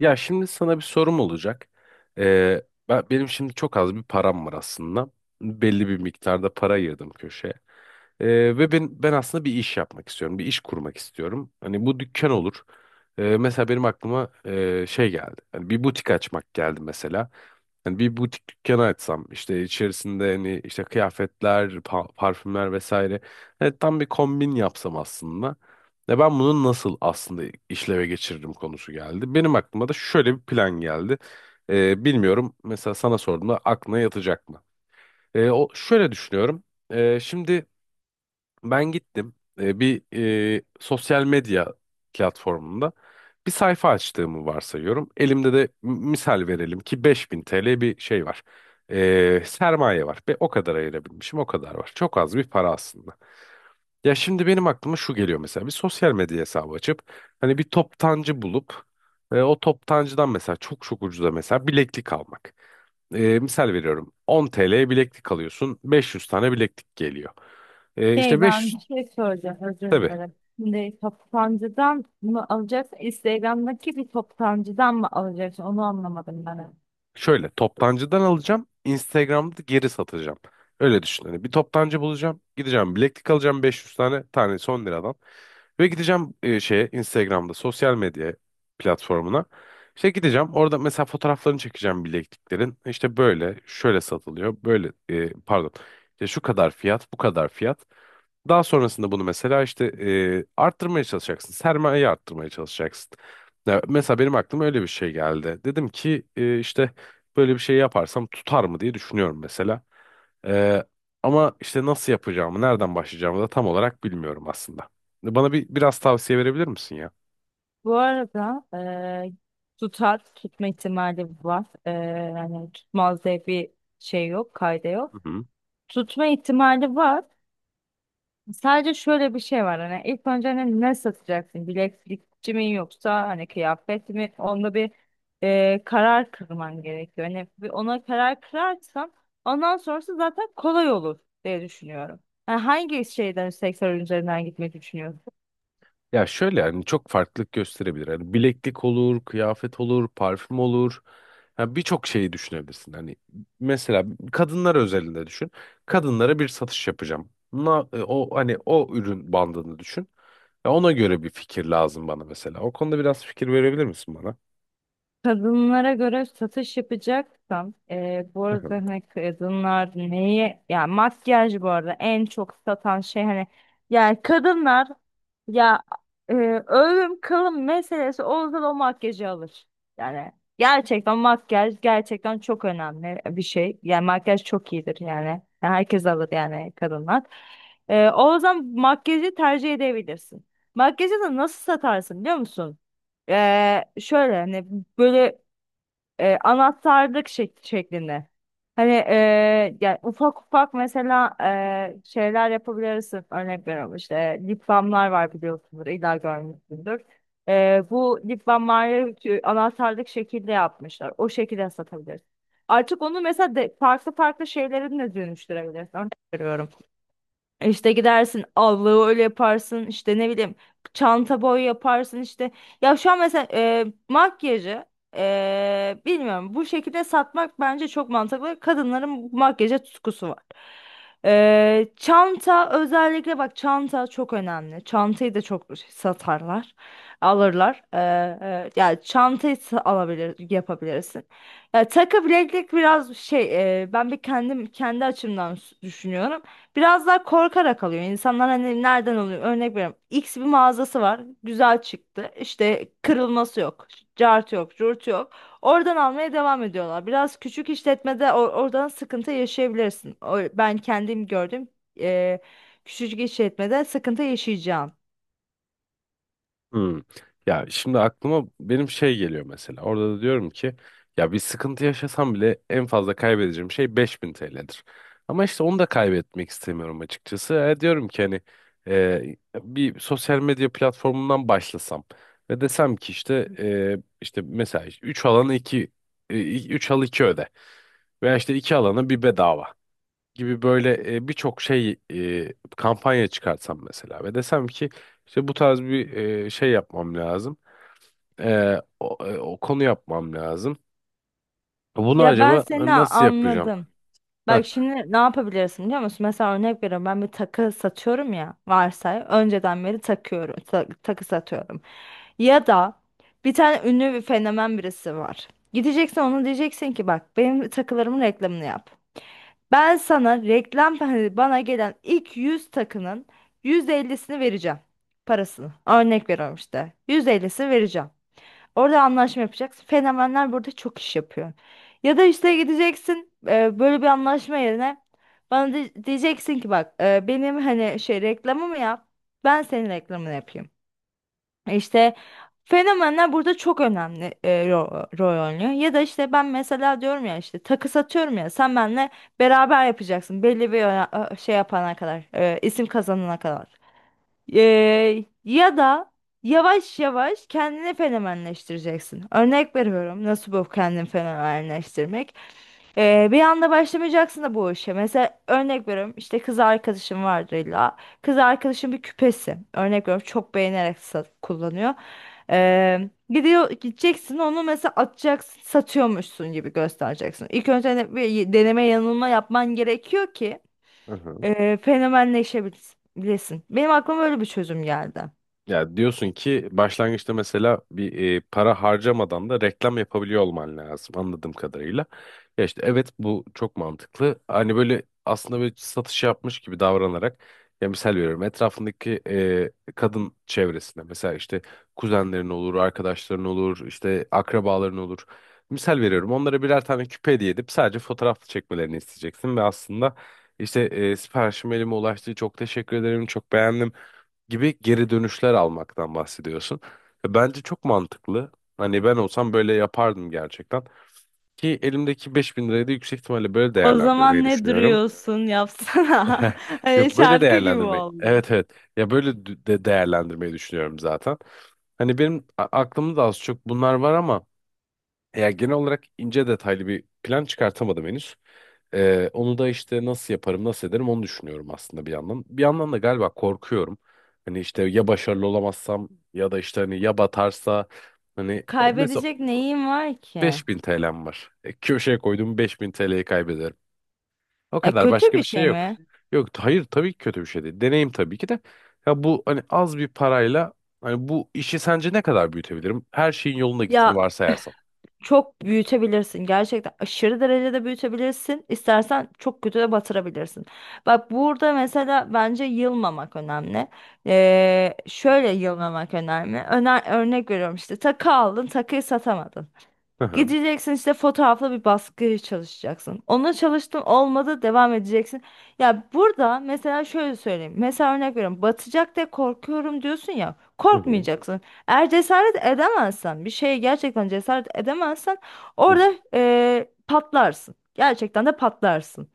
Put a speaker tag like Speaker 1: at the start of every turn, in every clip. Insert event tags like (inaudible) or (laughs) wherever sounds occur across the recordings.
Speaker 1: Ya şimdi sana bir sorum olacak. Ee, benim şimdi çok az bir param var aslında. Belli bir miktarda para ayırdım köşeye. Ee, Ve ben aslında bir iş yapmak istiyorum. Bir iş kurmak istiyorum. Hani bu dükkan olur. Mesela benim aklıma şey geldi. Hani bir butik açmak geldi mesela. Hani bir butik dükkanı açsam işte içerisinde hani işte kıyafetler, parfümler vesaire. Hani tam bir kombin yapsam aslında. Ve ben bunu nasıl aslında işleve geçiririm konusu geldi. Benim aklıma da şöyle bir plan geldi. Bilmiyorum, mesela sana sorduğumda aklına yatacak mı? O şöyle düşünüyorum. Şimdi ben gittim, bir sosyal medya platformunda bir sayfa açtığımı varsayıyorum. Elimde de misal verelim ki 5.000 TL bir şey var. Sermaye var ve o kadar ayırabilmişim, o kadar var. Çok az bir para aslında. Ya şimdi benim aklıma şu geliyor, mesela bir sosyal medya hesabı açıp hani bir toptancı bulup o toptancıdan mesela çok çok ucuza mesela bileklik almak. Misal veriyorum, 10 TL'ye bileklik alıyorsun, 500 tane bileklik geliyor. İşte
Speaker 2: Şey ben
Speaker 1: 500.
Speaker 2: bir şey soracağım özür
Speaker 1: Tabii.
Speaker 2: dilerim. Şimdi toptancıdan mı alacaksın? Instagram'daki bir toptancıdan mı alacaksın? Onu anlamadım ben.
Speaker 1: Şöyle toptancıdan alacağım. Instagram'da geri satacağım. Öyle düşün. Hani bir toptancı bulacağım. Gideceğim bileklik alacağım 500 tane, tanesi 10 liradan. Ve gideceğim şeye, Instagram'da sosyal medya platformuna. İşte gideceğim orada mesela fotoğraflarını çekeceğim bilekliklerin. İşte böyle şöyle satılıyor. Böyle, pardon. İşte şu kadar fiyat, bu kadar fiyat. Daha sonrasında bunu mesela işte arttırmaya çalışacaksın. Sermayeyi arttırmaya çalışacaksın. Ya mesela benim aklıma öyle bir şey geldi. Dedim ki işte böyle bir şey yaparsam tutar mı diye düşünüyorum mesela. E, Ama işte nasıl yapacağımı, nereden başlayacağımı da tam olarak bilmiyorum aslında. Bana bir biraz tavsiye verebilir misin ya?
Speaker 2: Bu arada tutar tutma ihtimali var. Yani tutmaz diye bir şey yok, kayda yok. Tutma ihtimali var. Sadece şöyle bir şey var hani ilk önce hani ne satacaksın? Bileklikçi mi yoksa hani kıyafet mi? Onda bir karar kırman gerekiyor. Hani bir ona karar kırarsan ondan sonrası zaten kolay olur diye düşünüyorum. Yani hangi şeyden sektör üzerinden gitmeyi düşünüyorsun?
Speaker 1: Ya şöyle, yani çok farklılık gösterebilir. Hani bileklik olur, kıyafet olur, parfüm olur. Yani birçok şeyi düşünebilirsin. Hani mesela kadınlar özelinde düşün. Kadınlara bir satış yapacağım. O hani o ürün bandını düşün. Ya ona göre bir fikir lazım bana mesela. O konuda biraz fikir verebilir misin bana?
Speaker 2: Kadınlara göre satış yapacaksam bu arada hani kadınlar neyi ya makyaj bu arada en çok satan şey hani yani kadınlar ya e, ölüm kalım meselesi olsa da o makyajı alır. Yani gerçekten makyaj gerçekten çok önemli bir şey. Yani makyaj çok iyidir yani. Yani herkes alır yani kadınlar. O zaman makyajı tercih edebilirsin. Makyajı da nasıl satarsın biliyor musun? Şöyle hani böyle anahtarlık şeklinde. Hani yani ufak ufak mesela şeyler yapabilirsin. Örnek veriyorum işte lip balmlar var biliyorsunuz. İlla görmüşsündür. Bu lip balmları şu anahtarlık şekilde yapmışlar. O şekilde satabilirsin. Artık onu mesela farklı farklı şeylere de dönüştürebilirsin. Örnek veriyorum. İşte gidersin allığı öyle yaparsın işte ne bileyim çanta boy yaparsın işte. Ya şu an mesela makyajı bilmiyorum bu şekilde satmak bence çok mantıklı. Kadınların makyaja tutkusu var. Çanta özellikle bak çanta çok önemli. Çantayı da çok satarlar alırlar. Yani çantayı alabilir yapabilirsin. Ya takı bileklik biraz şey ben bir kendim kendi açımdan düşünüyorum. Biraz daha korkarak alıyor. İnsanlar hani nereden alıyor? Örnek veriyorum. X bir mağazası var. Güzel çıktı. İşte kırılması yok. Cart yok. Curt yok. Oradan almaya devam ediyorlar. Biraz küçük işletmede oradan sıkıntı yaşayabilirsin. Ben kendim gördüm. Eee küçücük işletmede sıkıntı yaşayacağım.
Speaker 1: Hmm. Ya şimdi aklıma benim şey geliyor mesela. Orada da diyorum ki ya bir sıkıntı yaşasam bile en fazla kaybedeceğim şey 5.000 TL'dir. Ama işte onu da kaybetmek istemiyorum açıkçası. Diyorum ki hani bir sosyal medya platformundan başlasam ve desem ki işte işte mesela işte 3 alana iki, 3 al 2 öde veya işte 2 alana bir bedava gibi böyle birçok şey kampanya çıkartsam mesela ve desem ki işte bu tarz bir şey yapmam lazım. O konu yapmam lazım. Bunu
Speaker 2: Ya ben
Speaker 1: acaba
Speaker 2: seni
Speaker 1: nasıl yapacağım?
Speaker 2: anladım.
Speaker 1: Heh.
Speaker 2: Bak şimdi ne yapabilirsin biliyor musun? Mesela örnek veriyorum ben bir takı satıyorum ya varsay. Önceden beri takıyorum. Takı satıyorum. Ya da bir tane ünlü bir fenomen birisi var. Gideceksin ona diyeceksin ki bak benim takılarımın reklamını yap. Ben sana reklam hani bana gelen ilk 100 takının %50'sini vereceğim. Parasını. Örnek veriyorum işte. %50'sini vereceğim. Orada anlaşma yapacaksın. Fenomenler burada çok iş yapıyor. Ya da işte gideceksin böyle bir anlaşma yerine bana diyeceksin ki bak benim hani şey reklamımı yap. Ben senin reklamını yapayım. İşte fenomenler burada çok önemli rol oynuyor. Ya da işte ben mesela diyorum ya işte takı satıyorum ya sen benimle beraber yapacaksın belli bir şey yapana kadar isim kazanana kadar. Ya da yavaş yavaş kendini fenomenleştireceksin. Örnek veriyorum. Nasıl bu kendini fenomenleştirmek? Bir anda başlamayacaksın da bu işe. Mesela örnek veriyorum işte kız arkadaşım vardır illa. Kız arkadaşım bir küpesi. Örnek veriyorum çok beğenerek kullanıyor. Gideceksin onu mesela atacaksın satıyormuşsun gibi göstereceksin. İlk önce bir deneme yanılma yapman gerekiyor ki
Speaker 1: Hı hı.
Speaker 2: fenomenleşebilirsin. Benim aklıma öyle bir çözüm geldi.
Speaker 1: Ya diyorsun ki başlangıçta mesela bir para harcamadan da reklam yapabiliyor olman lazım, anladığım kadarıyla. Ya işte evet, bu çok mantıklı. Hani böyle aslında böyle satış yapmış gibi davranarak, ya misal veriyorum etrafındaki kadın çevresine mesela işte kuzenlerin olur, arkadaşların olur, işte akrabaların olur. Misal veriyorum onlara birer tane küpe hediye edip sadece fotoğraf çekmelerini isteyeceksin ve aslında işte siparişim elime ulaştı, çok teşekkür ederim, çok beğendim gibi geri dönüşler almaktan bahsediyorsun. Ve bence çok mantıklı. Hani ben olsam böyle yapardım gerçekten. Ki elimdeki 5.000 lirayı da yüksek ihtimalle böyle
Speaker 2: O
Speaker 1: değerlendirmeyi
Speaker 2: zaman ne
Speaker 1: düşünüyorum.
Speaker 2: duruyorsun yapsana.
Speaker 1: (laughs)
Speaker 2: (laughs) Hani
Speaker 1: Yok, böyle
Speaker 2: şarkı gibi
Speaker 1: değerlendirmeyi.
Speaker 2: oldu.
Speaker 1: Evet, evet. Ya böyle de değerlendirmeyi düşünüyorum zaten. Hani benim aklımda da az çok bunlar var, ama ya genel olarak ince detaylı bir plan çıkartamadım henüz. Onu da işte nasıl yaparım, nasıl ederim onu düşünüyorum aslında bir yandan. Bir yandan da galiba korkuyorum. Hani işte ya başarılı olamazsam ya da işte hani ya batarsa hani mesela
Speaker 2: Kaybedecek neyim var ki?
Speaker 1: 5.000 TL'm var. Köşeye koyduğum 5.000 TL'yi kaybederim. O kadar,
Speaker 2: Kötü
Speaker 1: başka
Speaker 2: bir
Speaker 1: bir şey
Speaker 2: şey
Speaker 1: yok.
Speaker 2: mi?
Speaker 1: Yok, hayır, tabii ki kötü bir şey değil. Deneyim, tabii ki de. Ya bu hani az bir parayla hani bu işi sence ne kadar büyütebilirim? Her şeyin yoluna gittiğini
Speaker 2: Ya
Speaker 1: varsayarsan.
Speaker 2: çok büyütebilirsin. Gerçekten aşırı derecede büyütebilirsin. İstersen çok kötü de batırabilirsin. Bak burada mesela bence yılmamak önemli.
Speaker 1: Hı
Speaker 2: Şöyle yılmamak önemli. Örnek veriyorum işte takı aldın takıyı satamadın.
Speaker 1: hı.
Speaker 2: Gideceksin işte fotoğrafla bir baskı çalışacaksın. Ona çalıştın olmadı devam edeceksin. Ya burada mesela şöyle söyleyeyim. Mesela örnek veriyorum. Batacak diye korkuyorum diyorsun ya.
Speaker 1: Hı hı.
Speaker 2: Korkmayacaksın. Eğer cesaret edemezsen bir şeye gerçekten cesaret edemezsen
Speaker 1: Hı hı.
Speaker 2: orada patlarsın. Gerçekten de patlarsın.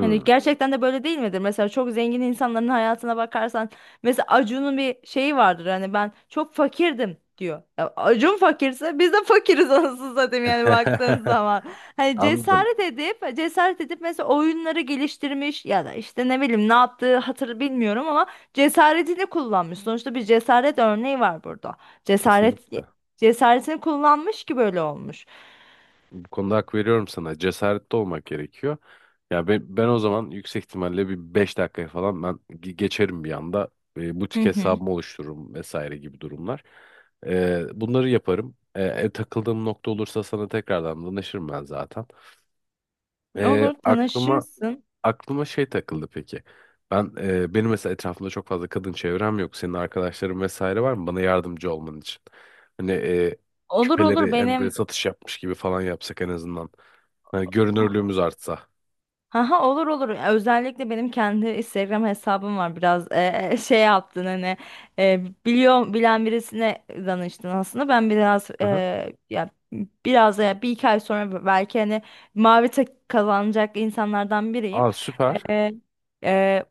Speaker 2: Hani gerçekten de böyle değil midir? Mesela çok zengin insanların hayatına bakarsan mesela Acun'un bir şeyi vardır. Hani ben çok fakirdim diyor. Ya Acun fakirse biz de fakiriz (laughs) anasını satayım yani baktığın
Speaker 1: (laughs)
Speaker 2: zaman. Hani
Speaker 1: Anladım.
Speaker 2: cesaret edip cesaret edip mesela oyunları geliştirmiş ya da işte ne bileyim ne yaptığı hatır bilmiyorum ama cesaretini kullanmış. Sonuçta bir cesaret örneği var burada. Cesaret
Speaker 1: Kesinlikle.
Speaker 2: Cesaretini kullanmış ki böyle olmuş.
Speaker 1: Bu konuda hak veriyorum sana. Cesaretli olmak gerekiyor. Ya ben o zaman yüksek ihtimalle bir 5 dakikaya falan ben geçerim bir anda. Butik
Speaker 2: Hı hı.
Speaker 1: hesabımı oluştururum vesaire gibi durumlar. Bunları yaparım. Takıldığım nokta olursa sana tekrardan danışırım ben zaten. E,
Speaker 2: Olur
Speaker 1: aklıma
Speaker 2: tanışırsın.
Speaker 1: aklıma şey takıldı peki. Benim mesela etrafımda çok fazla kadın çevrem yok. Senin arkadaşların vesaire var mı bana yardımcı olman için? Hani
Speaker 2: Olur olur,
Speaker 1: küpeleri hani böyle
Speaker 2: benim.
Speaker 1: satış yapmış gibi falan yapsak en azından. Hani görünürlüğümüz artsa.
Speaker 2: Haha, olur olur. Özellikle benim kendi Instagram hesabım var. Biraz şey yaptın hani bilen birisine danıştın aslında. Ben biraz
Speaker 1: Aha.
Speaker 2: ya biraz ya bir iki ay sonra belki hani mavi tek kazanacak insanlardan biriyim.
Speaker 1: Aa, süper.
Speaker 2: Ee, e,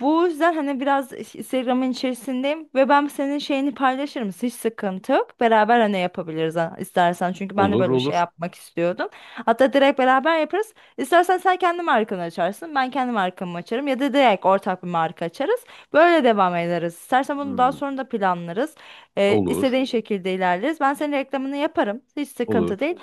Speaker 2: Bu yüzden hani biraz Instagram'ın içerisindeyim ve ben senin şeyini paylaşırım. Hiç sıkıntı yok. Beraber hani yapabiliriz istersen. Çünkü ben de
Speaker 1: Olur,
Speaker 2: böyle bir şey
Speaker 1: olur.
Speaker 2: yapmak istiyordum. Hatta direkt beraber yaparız. İstersen sen kendi markanı açarsın. Ben kendi markamı açarım. Ya da direkt ortak bir marka açarız. Böyle devam ederiz. İstersen bunu daha
Speaker 1: Hmm,
Speaker 2: sonra da planlarız.
Speaker 1: olur.
Speaker 2: İstediğin şekilde ilerleriz. Ben senin reklamını yaparım. Hiç sıkıntı
Speaker 1: Olur.
Speaker 2: değil.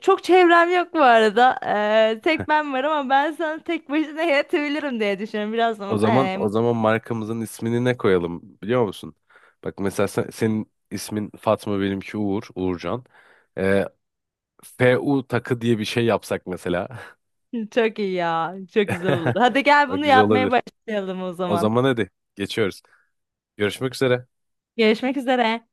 Speaker 2: Çok çevrem yok bu arada. Tek ben varım ama ben sana tek başına yetebilirim diye düşünüyorum. Biraz
Speaker 1: O zaman
Speaker 2: ee,
Speaker 1: o zaman markamızın ismini ne koyalım, biliyor musun? Bak mesela senin ismin Fatma, benimki Uğur, Uğurcan. Ee, FU takı diye bir şey yapsak mesela.
Speaker 2: çok iyi ya. Çok güzel olur.
Speaker 1: (laughs)
Speaker 2: Hadi gel
Speaker 1: Bak,
Speaker 2: bunu
Speaker 1: güzel
Speaker 2: yapmaya
Speaker 1: olabilir.
Speaker 2: başlayalım o
Speaker 1: O
Speaker 2: zaman.
Speaker 1: zaman hadi geçiyoruz. Görüşmek üzere.
Speaker 2: Görüşmek üzere.